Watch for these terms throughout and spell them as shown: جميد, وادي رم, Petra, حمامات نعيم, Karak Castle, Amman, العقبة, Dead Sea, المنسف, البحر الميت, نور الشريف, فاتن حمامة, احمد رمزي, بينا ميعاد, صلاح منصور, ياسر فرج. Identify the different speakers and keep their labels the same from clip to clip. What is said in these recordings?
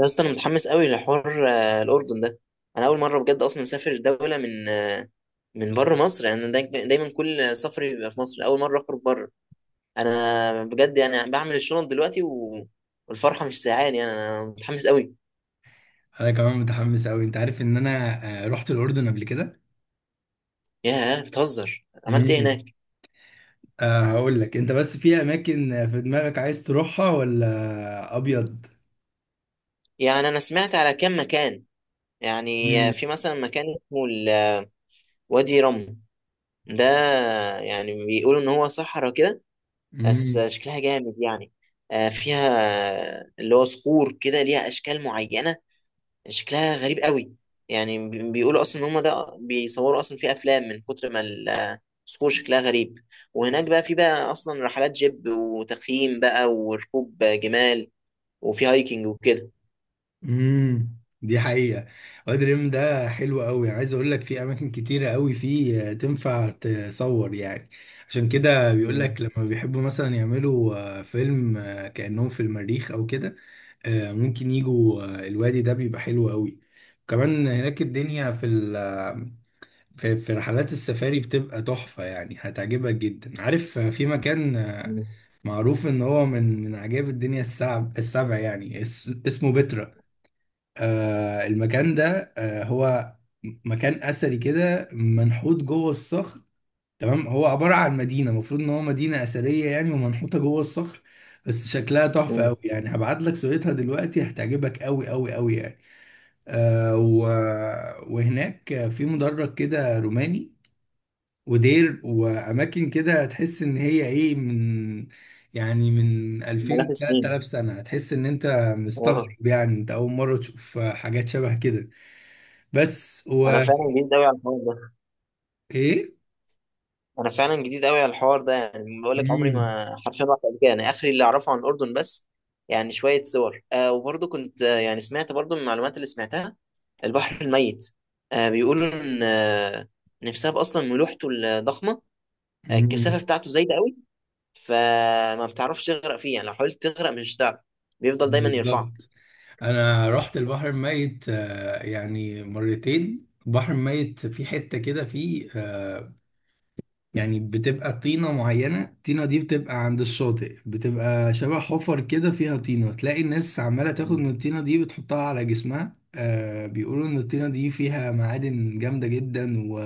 Speaker 1: يا اسطى انا متحمس قوي لحوار، الاردن ده. انا اول مره بجد اصلا اسافر دوله من، من بره مصر. يعني أنا دايما كل سفري بيبقى في مصر، اول مره اخرج بره. انا بجد يعني بعمل الشنط دلوقتي و... والفرحه مش ساعاني، يعني انا متحمس قوي.
Speaker 2: انا كمان متحمس قوي، انت عارف ان انا رحت الاردن قبل كده.
Speaker 1: ياه، بتهزر، عملت ايه هناك؟
Speaker 2: امم أه هقول لك، انت بس في اماكن في دماغك عايز تروحها، ولا ابيض؟
Speaker 1: يعني انا سمعت على كام مكان. يعني في مثلا مكان اسمه وادي رم ده. يعني بيقولوا ان هو صحراء كده، بس
Speaker 2: امم.
Speaker 1: شكلها جامد يعني. فيها اللي هو صخور كده ليها اشكال معينه، شكلها غريب قوي. يعني بيقولوا اصلا ان هم ده بيصوروا اصلا في افلام، من كتر ما الصخور شكلها غريب. وهناك بقى في بقى اصلا رحلات جيب وتخييم بقى وركوب جمال، وفي هايكنج وكده.
Speaker 2: دي حقيقة. وادي الريم ده حلو قوي، يعني عايز اقول لك في اماكن كتيرة قوي فيه تنفع تصور يعني. عشان كده بيقول
Speaker 1: مم.
Speaker 2: لك لما بيحبوا مثلا يعملوا فيلم، كأنهم في المريخ او كده. ممكن يجوا الوادي ده بيبقى حلو قوي. كمان هناك الدنيا في ال آه، في رحلات السفاري بتبقى تحفة، يعني هتعجبك جدا. عارف، في مكان
Speaker 1: مم.
Speaker 2: معروف ان هو من عجائب الدنيا السبع، يعني اسمه بترا. المكان ده هو مكان اثري كده، منحوت جوه الصخر. تمام، هو عباره عن مدينه، المفروض ان هو مدينه اثريه يعني، ومنحوته جوه الصخر. بس شكلها تحفه
Speaker 1: مم.
Speaker 2: قوي، يعني هبعت لك صورتها دلوقتي، هتعجبك قوي قوي قوي يعني. آه و... وهناك في مدرج كده روماني، ودير واماكن كده، تحس ان هي ايه من
Speaker 1: ملاك
Speaker 2: 2000
Speaker 1: سنين.
Speaker 2: 3000 سنه. هتحس ان انت
Speaker 1: اه،
Speaker 2: مستغرب، يعني انت اول مره تشوف حاجات شبه كده. بس
Speaker 1: انا
Speaker 2: و.
Speaker 1: فعلا جديد قوي على الحوار ده.
Speaker 2: ايه؟
Speaker 1: انا فعلا جديد قوي على الحوار ده، يعني بقول لك عمري
Speaker 2: امم
Speaker 1: ما حرفيا رحت قبل كده. انا اخري اللي اعرفه عن الاردن بس يعني شويه صور، وبرضه كنت، يعني سمعت برضه من المعلومات اللي سمعتها، البحر الميت. بيقولوا ان بسبب اصلا ملوحته الضخمه، الكثافه
Speaker 2: امم.
Speaker 1: بتاعته زايده قوي، فما بتعرفش تغرق فيه، يعني لو حاولت تغرق مش هتعرف، بيفضل دايما يرفعك.
Speaker 2: بالظبط. انا رحت البحر الميت، يعني مرتين. البحر الميت في حتة كده فيه، يعني بتبقى طينة معينة. الطينة دي بتبقى عند الشاطئ، بتبقى شبه حفر كده فيها طينة، تلاقي الناس عمالة تاخد
Speaker 1: مم.
Speaker 2: من الطينة دي بتحطها على جسمها. بيقولوا ان الطينة دي فيها معادن جامدة جدا، و...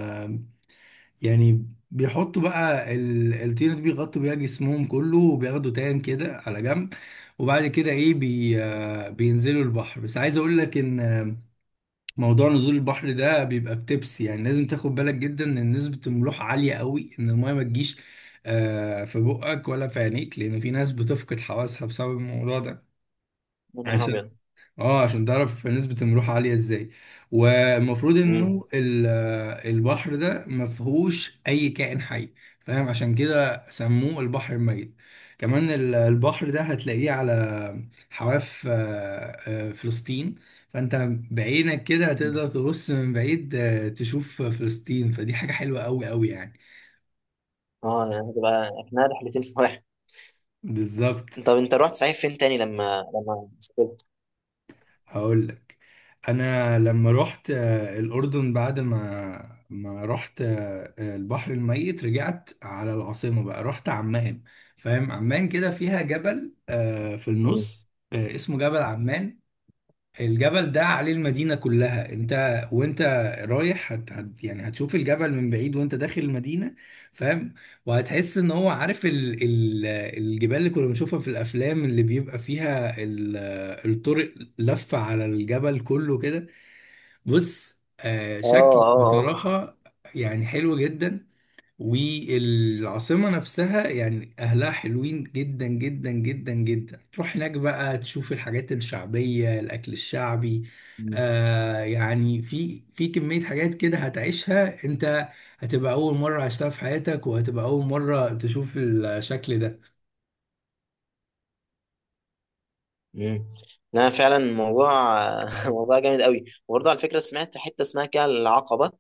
Speaker 2: يعني بيحطوا بقى الطينة دي، بيغطوا بيها جسمهم كله، وبياخدوا تان كده على جنب. وبعد كده ايه بي
Speaker 1: مم.
Speaker 2: آه، بينزلوا البحر. بس عايز اقول لك ان، موضوع نزول البحر ده بيبقى بتبس، يعني لازم تاخد بالك جدا ان نسبة الملوحة عالية قوي، ان المية ما تجيش في بقك ولا في عينيك، لان في ناس بتفقد حواسها بسبب الموضوع ده.
Speaker 1: يا نهار
Speaker 2: عشان،
Speaker 1: ابيض.
Speaker 2: اه عشان تعرف نسبة الملوحة عالية ازاي. والمفروض
Speaker 1: مم.
Speaker 2: انه البحر ده ما فيهوش اي كائن حي، فاهم؟ عشان كده سموه البحر الميت. كمان البحر ده هتلاقيه على حواف فلسطين. فانت بعينك كده هتقدر
Speaker 1: مم.
Speaker 2: تبص من بعيد، تشوف فلسطين. فدي حاجة حلوة قوي قوي يعني.
Speaker 1: اه، هتبقى اكنها رحلتين في واحد.
Speaker 2: بالظبط.
Speaker 1: طب انت رحت صحيح فين تاني لما سافرت؟
Speaker 2: هقول لك. انا لما رحت الاردن، بعد ما رحت البحر الميت، رجعت على العاصمه بقى رحت عمان. فاهم؟ عمان كده فيها جبل في النص، اسمه جبل عمان. الجبل ده عليه المدينة كلها. انت وانت رايح هت هت يعني هتشوف الجبل من بعيد وانت داخل المدينة. فاهم؟ وهتحس ان هو، عارف، ال ال الجبال اللي كنا بنشوفها في الافلام اللي بيبقى فيها الطرق لفة على الجبل كله كده. بص،
Speaker 1: اه،
Speaker 2: شكل
Speaker 1: اه.
Speaker 2: بصراحة، يعني حلو جدا. والعاصمة نفسها يعني أهلها حلوين جدا جدا جدا جدا. تروح هناك بقى تشوف الحاجات الشعبية، الأكل الشعبي.
Speaker 1: مم.
Speaker 2: يعني في كمية حاجات كده هتعيشها أنت، هتبقى أول مرة عشتها في حياتك، وهتبقى أول مرة تشوف الشكل ده.
Speaker 1: ايه. لا فعلا الموضوع موضوع جامد قوي، وبرضه على فكره سمعت حته اسمها كده العقبه،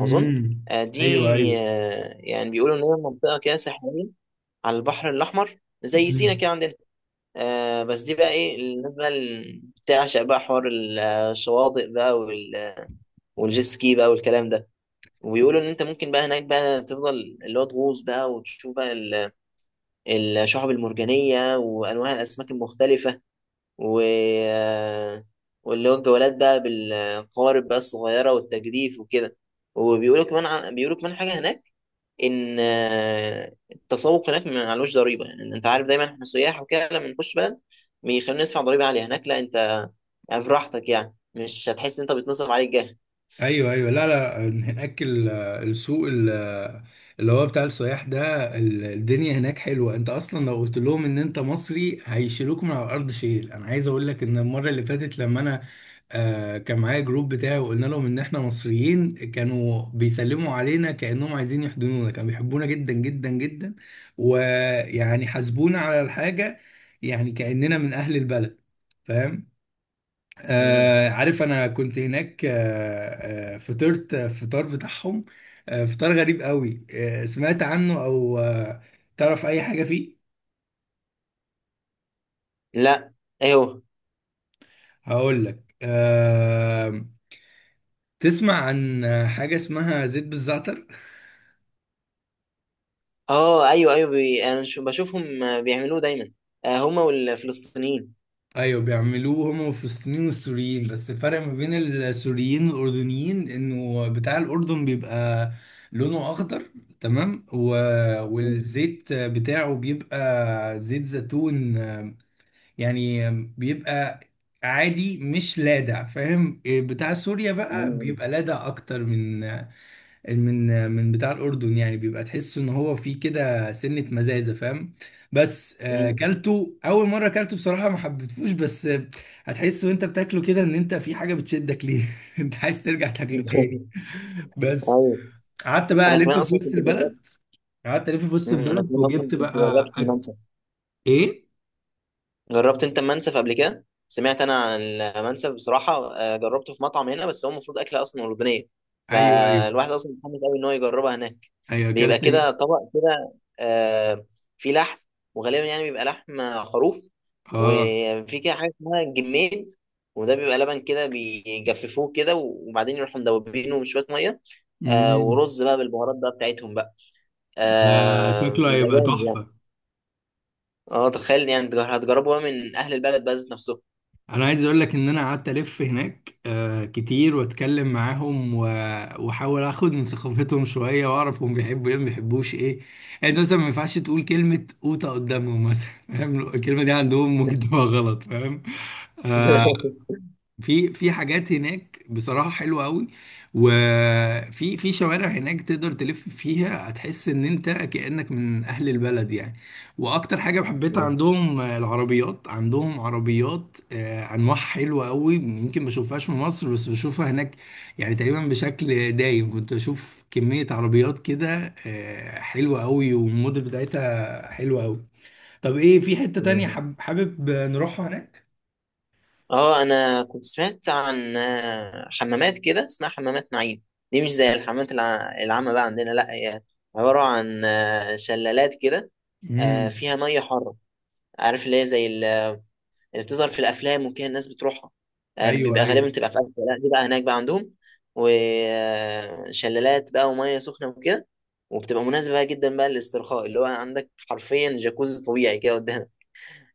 Speaker 1: اظن. دي،
Speaker 2: أيوه،
Speaker 1: يعني بيقولوا ان هي منطقه كده ساحليه على البحر الاحمر، زي سينا
Speaker 2: أيوه،
Speaker 1: كده عندنا. بس دي بقى ايه الناس بقى اللي بتعشق بقى حوار الشواطئ بقى والجيت سكي بقى والكلام ده. وبيقولوا ان انت ممكن بقى هناك بقى تفضل اللي هو تغوص بقى وتشوف بقى الشعب المرجانيه وانواع الاسماك المختلفه. و واللي هو الجولات بقى بالقوارب بقى الصغيرة والتجديف وكده. بيقولوا كمان حاجة هناك. إن التسوق هناك معلوش ضريبة، يعني إن أنت عارف دايما إحنا سياح وكده لما نخش بلد بيخلينا ندفع ضريبة عالية، هناك لا، أنت يعني براحتك، يعني مش هتحس إن أنت بتنصرف عليك جاه.
Speaker 2: ايوه، ايوه. لا، لا، لا، هناك السوق اللي هو بتاع السياح ده. الدنيا هناك حلوه. انت اصلا لو قلت لهم ان انت مصري هيشيلوك من على الارض شيل. انا عايز اقول لك ان المره اللي فاتت، لما انا كان معايا جروب بتاعي، وقلنا لهم ان احنا مصريين، كانوا بيسلموا علينا كانهم عايزين يحضنونا، كانوا بيحبونا جدا جدا جدا، ويعني حاسبونا على الحاجه، يعني كاننا من اهل البلد، فاهم؟
Speaker 1: مم.
Speaker 2: عارف، انا كنت هناك فطرت فطار بتاعهم، فطار غريب قوي. سمعت عنه او تعرف اي حاجة فيه؟
Speaker 1: لا. أيوه.
Speaker 2: هقول لك. تسمع عن حاجة اسمها زيت بالزعتر؟
Speaker 1: أه، أيوه أيوه، أنا بشوفهم، بيعملوه دايما، هما والفلسطينيين.
Speaker 2: ايوه، بيعملوه هما الفلسطينيين والسوريين. بس الفرق ما بين السوريين والاردنيين انه بتاع الاردن بيبقى لونه اخضر، تمام،
Speaker 1: مم.
Speaker 2: والزيت بتاعه بيبقى زيت زيتون. يعني بيبقى عادي مش لادع، فاهم؟ بتاع سوريا بقى
Speaker 1: مم.
Speaker 2: بيبقى لادع اكتر من بتاع الاردن، يعني بيبقى تحس ان هو فيه كده سنة مزازة، فاهم؟ بس
Speaker 1: مم.
Speaker 2: كلته. اول مرة كلته بصراحة ما حبيتهوش، بس هتحس وانت بتاكله كده ان انت في حاجة بتشدك ليه، انت عايز ترجع تاكله تاني. بس،
Speaker 1: ايوه،
Speaker 2: قعدت بقى
Speaker 1: انا
Speaker 2: الف
Speaker 1: كمان
Speaker 2: في
Speaker 1: اصلا
Speaker 2: وسط
Speaker 1: كنت جربت.
Speaker 2: البلد. قعدت الف في وسط
Speaker 1: انا
Speaker 2: البلد،
Speaker 1: كمان اصلا
Speaker 2: وجبت
Speaker 1: كنت
Speaker 2: بقى
Speaker 1: جربت
Speaker 2: أك...
Speaker 1: المنسف.
Speaker 2: ايه؟
Speaker 1: جربت انت المنسف قبل كده؟ سمعت انا عن المنسف بصراحه، جربته في مطعم هنا، بس هو المفروض اكله اصلا اردنيه،
Speaker 2: ايوه، ايوه،
Speaker 1: فالواحد اصلا متحمس قوي ان هو يجربها هناك.
Speaker 2: ايوه،
Speaker 1: بيبقى
Speaker 2: اكلت ال...
Speaker 1: كده طبق كده، آه، فيه لحم، وغالبا يعني بيبقى لحم خروف.
Speaker 2: اه.
Speaker 1: وفي كده حاجه اسمها جميد، وده بيبقى لبن كده بيجففوه كده وبعدين يروحوا مدوبينه بشويه ميه،
Speaker 2: مم.
Speaker 1: ورز بقى بالبهارات بقى بتاعتهم بقى،
Speaker 2: ده شكله
Speaker 1: بيبقى
Speaker 2: هيبقى
Speaker 1: جامد يعني.
Speaker 2: تحفة.
Speaker 1: اه، تخيل، يعني هتجربوا بقى من اهل البلد بقى ذات نفسهم.
Speaker 2: انا عايز اقول لك ان انا قعدت الف هناك كتير، واتكلم معاهم واحاول اخد من ثقافتهم شوية، واعرف هم بيحبوا ايه ما بيحبوش ايه. يعني انت مثلا ما ينفعش تقول كلمة قوطة قدامهم مثلا، فاهم؟ الكلمة دي عندهم ممكن تبقى غلط، فاهم؟ آه، في في حاجات هناك بصراحة حلوة قوي، وفي شوارع هناك تقدر تلف فيها، هتحس ان انت كأنك من اهل البلد يعني. واكتر حاجة حبيتها
Speaker 1: مم.
Speaker 2: عندهم، العربيات. عندهم عربيات انواع حلوة قوي، يمكن ما بشوفهاش في مصر بس بشوفها هناك. يعني تقريبا بشكل دايم كنت بشوف كمية عربيات كده حلوة قوي، والموديل بتاعتها حلوة قوي. طب، ايه، في حتة تانية
Speaker 1: مم.
Speaker 2: حابب نروحها هناك؟
Speaker 1: اه، انا كنت سمعت عن حمامات كده اسمها حمامات نعيم. دي مش زي الحمامات العامة بقى عندنا، لا هي عبارة عن شلالات كده،
Speaker 2: امم.
Speaker 1: فيها مية حارة. عارف اللي هي زي اللي بتظهر في الافلام وكده، الناس بتروحها،
Speaker 2: ايوه،
Speaker 1: بيبقى غالبا
Speaker 2: ايوه.
Speaker 1: بتبقى في اسيا، لا دي بقى هناك بقى عندهم، وشلالات بقى وميه سخنه وكده. وبتبقى مناسبة جدا بقى للاسترخاء، اللي هو عندك حرفيا جاكوزي طبيعي كده قدامك.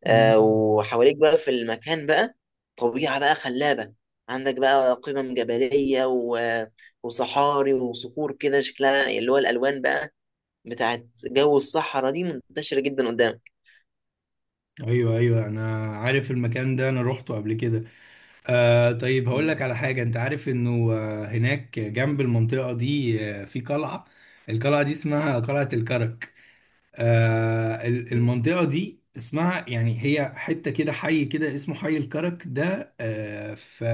Speaker 2: مم.
Speaker 1: وحواليك بقى في المكان بقى طبيعة بقى خلابة، عندك بقى قمم جبلية و... وصحاري وصخور كده شكلها اللي هو الألوان بقى بتاعت جو الصحراء دي منتشرة جدا قدامك.
Speaker 2: ايوه، ايوه، انا عارف المكان ده، انا روحته قبل كده. طيب، هقول لك
Speaker 1: يا
Speaker 2: على حاجه. انت عارف انه هناك جنب المنطقه دي في قلعه. القلعه دي اسمها قلعه الكرك. المنطقة دي اسمها، يعني هي حتة كده، حي كده اسمه حي الكرك ده، في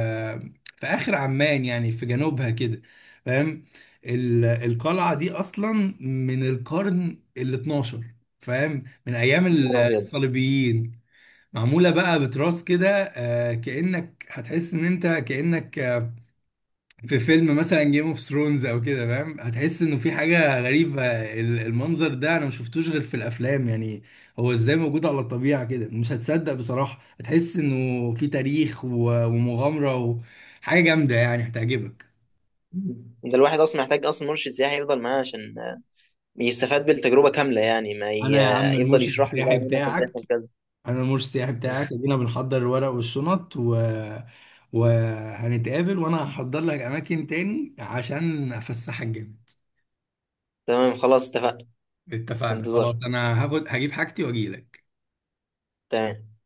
Speaker 2: في آخر عمان، يعني في جنوبها كده، فاهم؟ القلعة دي أصلا من القرن ال 12، فاهم، من أيام
Speaker 1: نهار أبيض.
Speaker 2: الصليبيين. معمولة بقى بتراس كده. كأنك هتحس إن أنت كأنك في فيلم مثلا جيم اوف ثرونز او كده، فاهم؟ هتحس انه في حاجه غريبه. المنظر ده انا ما شفتوش غير في الافلام يعني. هو ازاي موجود على الطبيعه كده؟ مش هتصدق بصراحه، هتحس انه في تاريخ ومغامره وحاجه جامده، يعني هتعجبك.
Speaker 1: مم. ده الواحد اصلا محتاج اصلا مرشد سياحي يفضل معاه عشان يستفاد بالتجربه كامله، يعني ما ي-
Speaker 2: انا يا
Speaker 1: آه،
Speaker 2: عم
Speaker 1: يفضل
Speaker 2: المرشد
Speaker 1: يشرح له بقى
Speaker 2: السياحي
Speaker 1: هنا كان
Speaker 2: بتاعك،
Speaker 1: بيحصل كذا.
Speaker 2: انا المرشد السياحي بتاعك، ادينا بنحضر الورق والشنط، و وهنتقابل، وانا هحضر لك اماكن تاني عشان افسحك جامد.
Speaker 1: تمام، خلاص اتفقنا. في
Speaker 2: اتفقنا خلاص،
Speaker 1: انتظار.
Speaker 2: انا هاخد هجيب حاجتي واجيلك.
Speaker 1: تمام.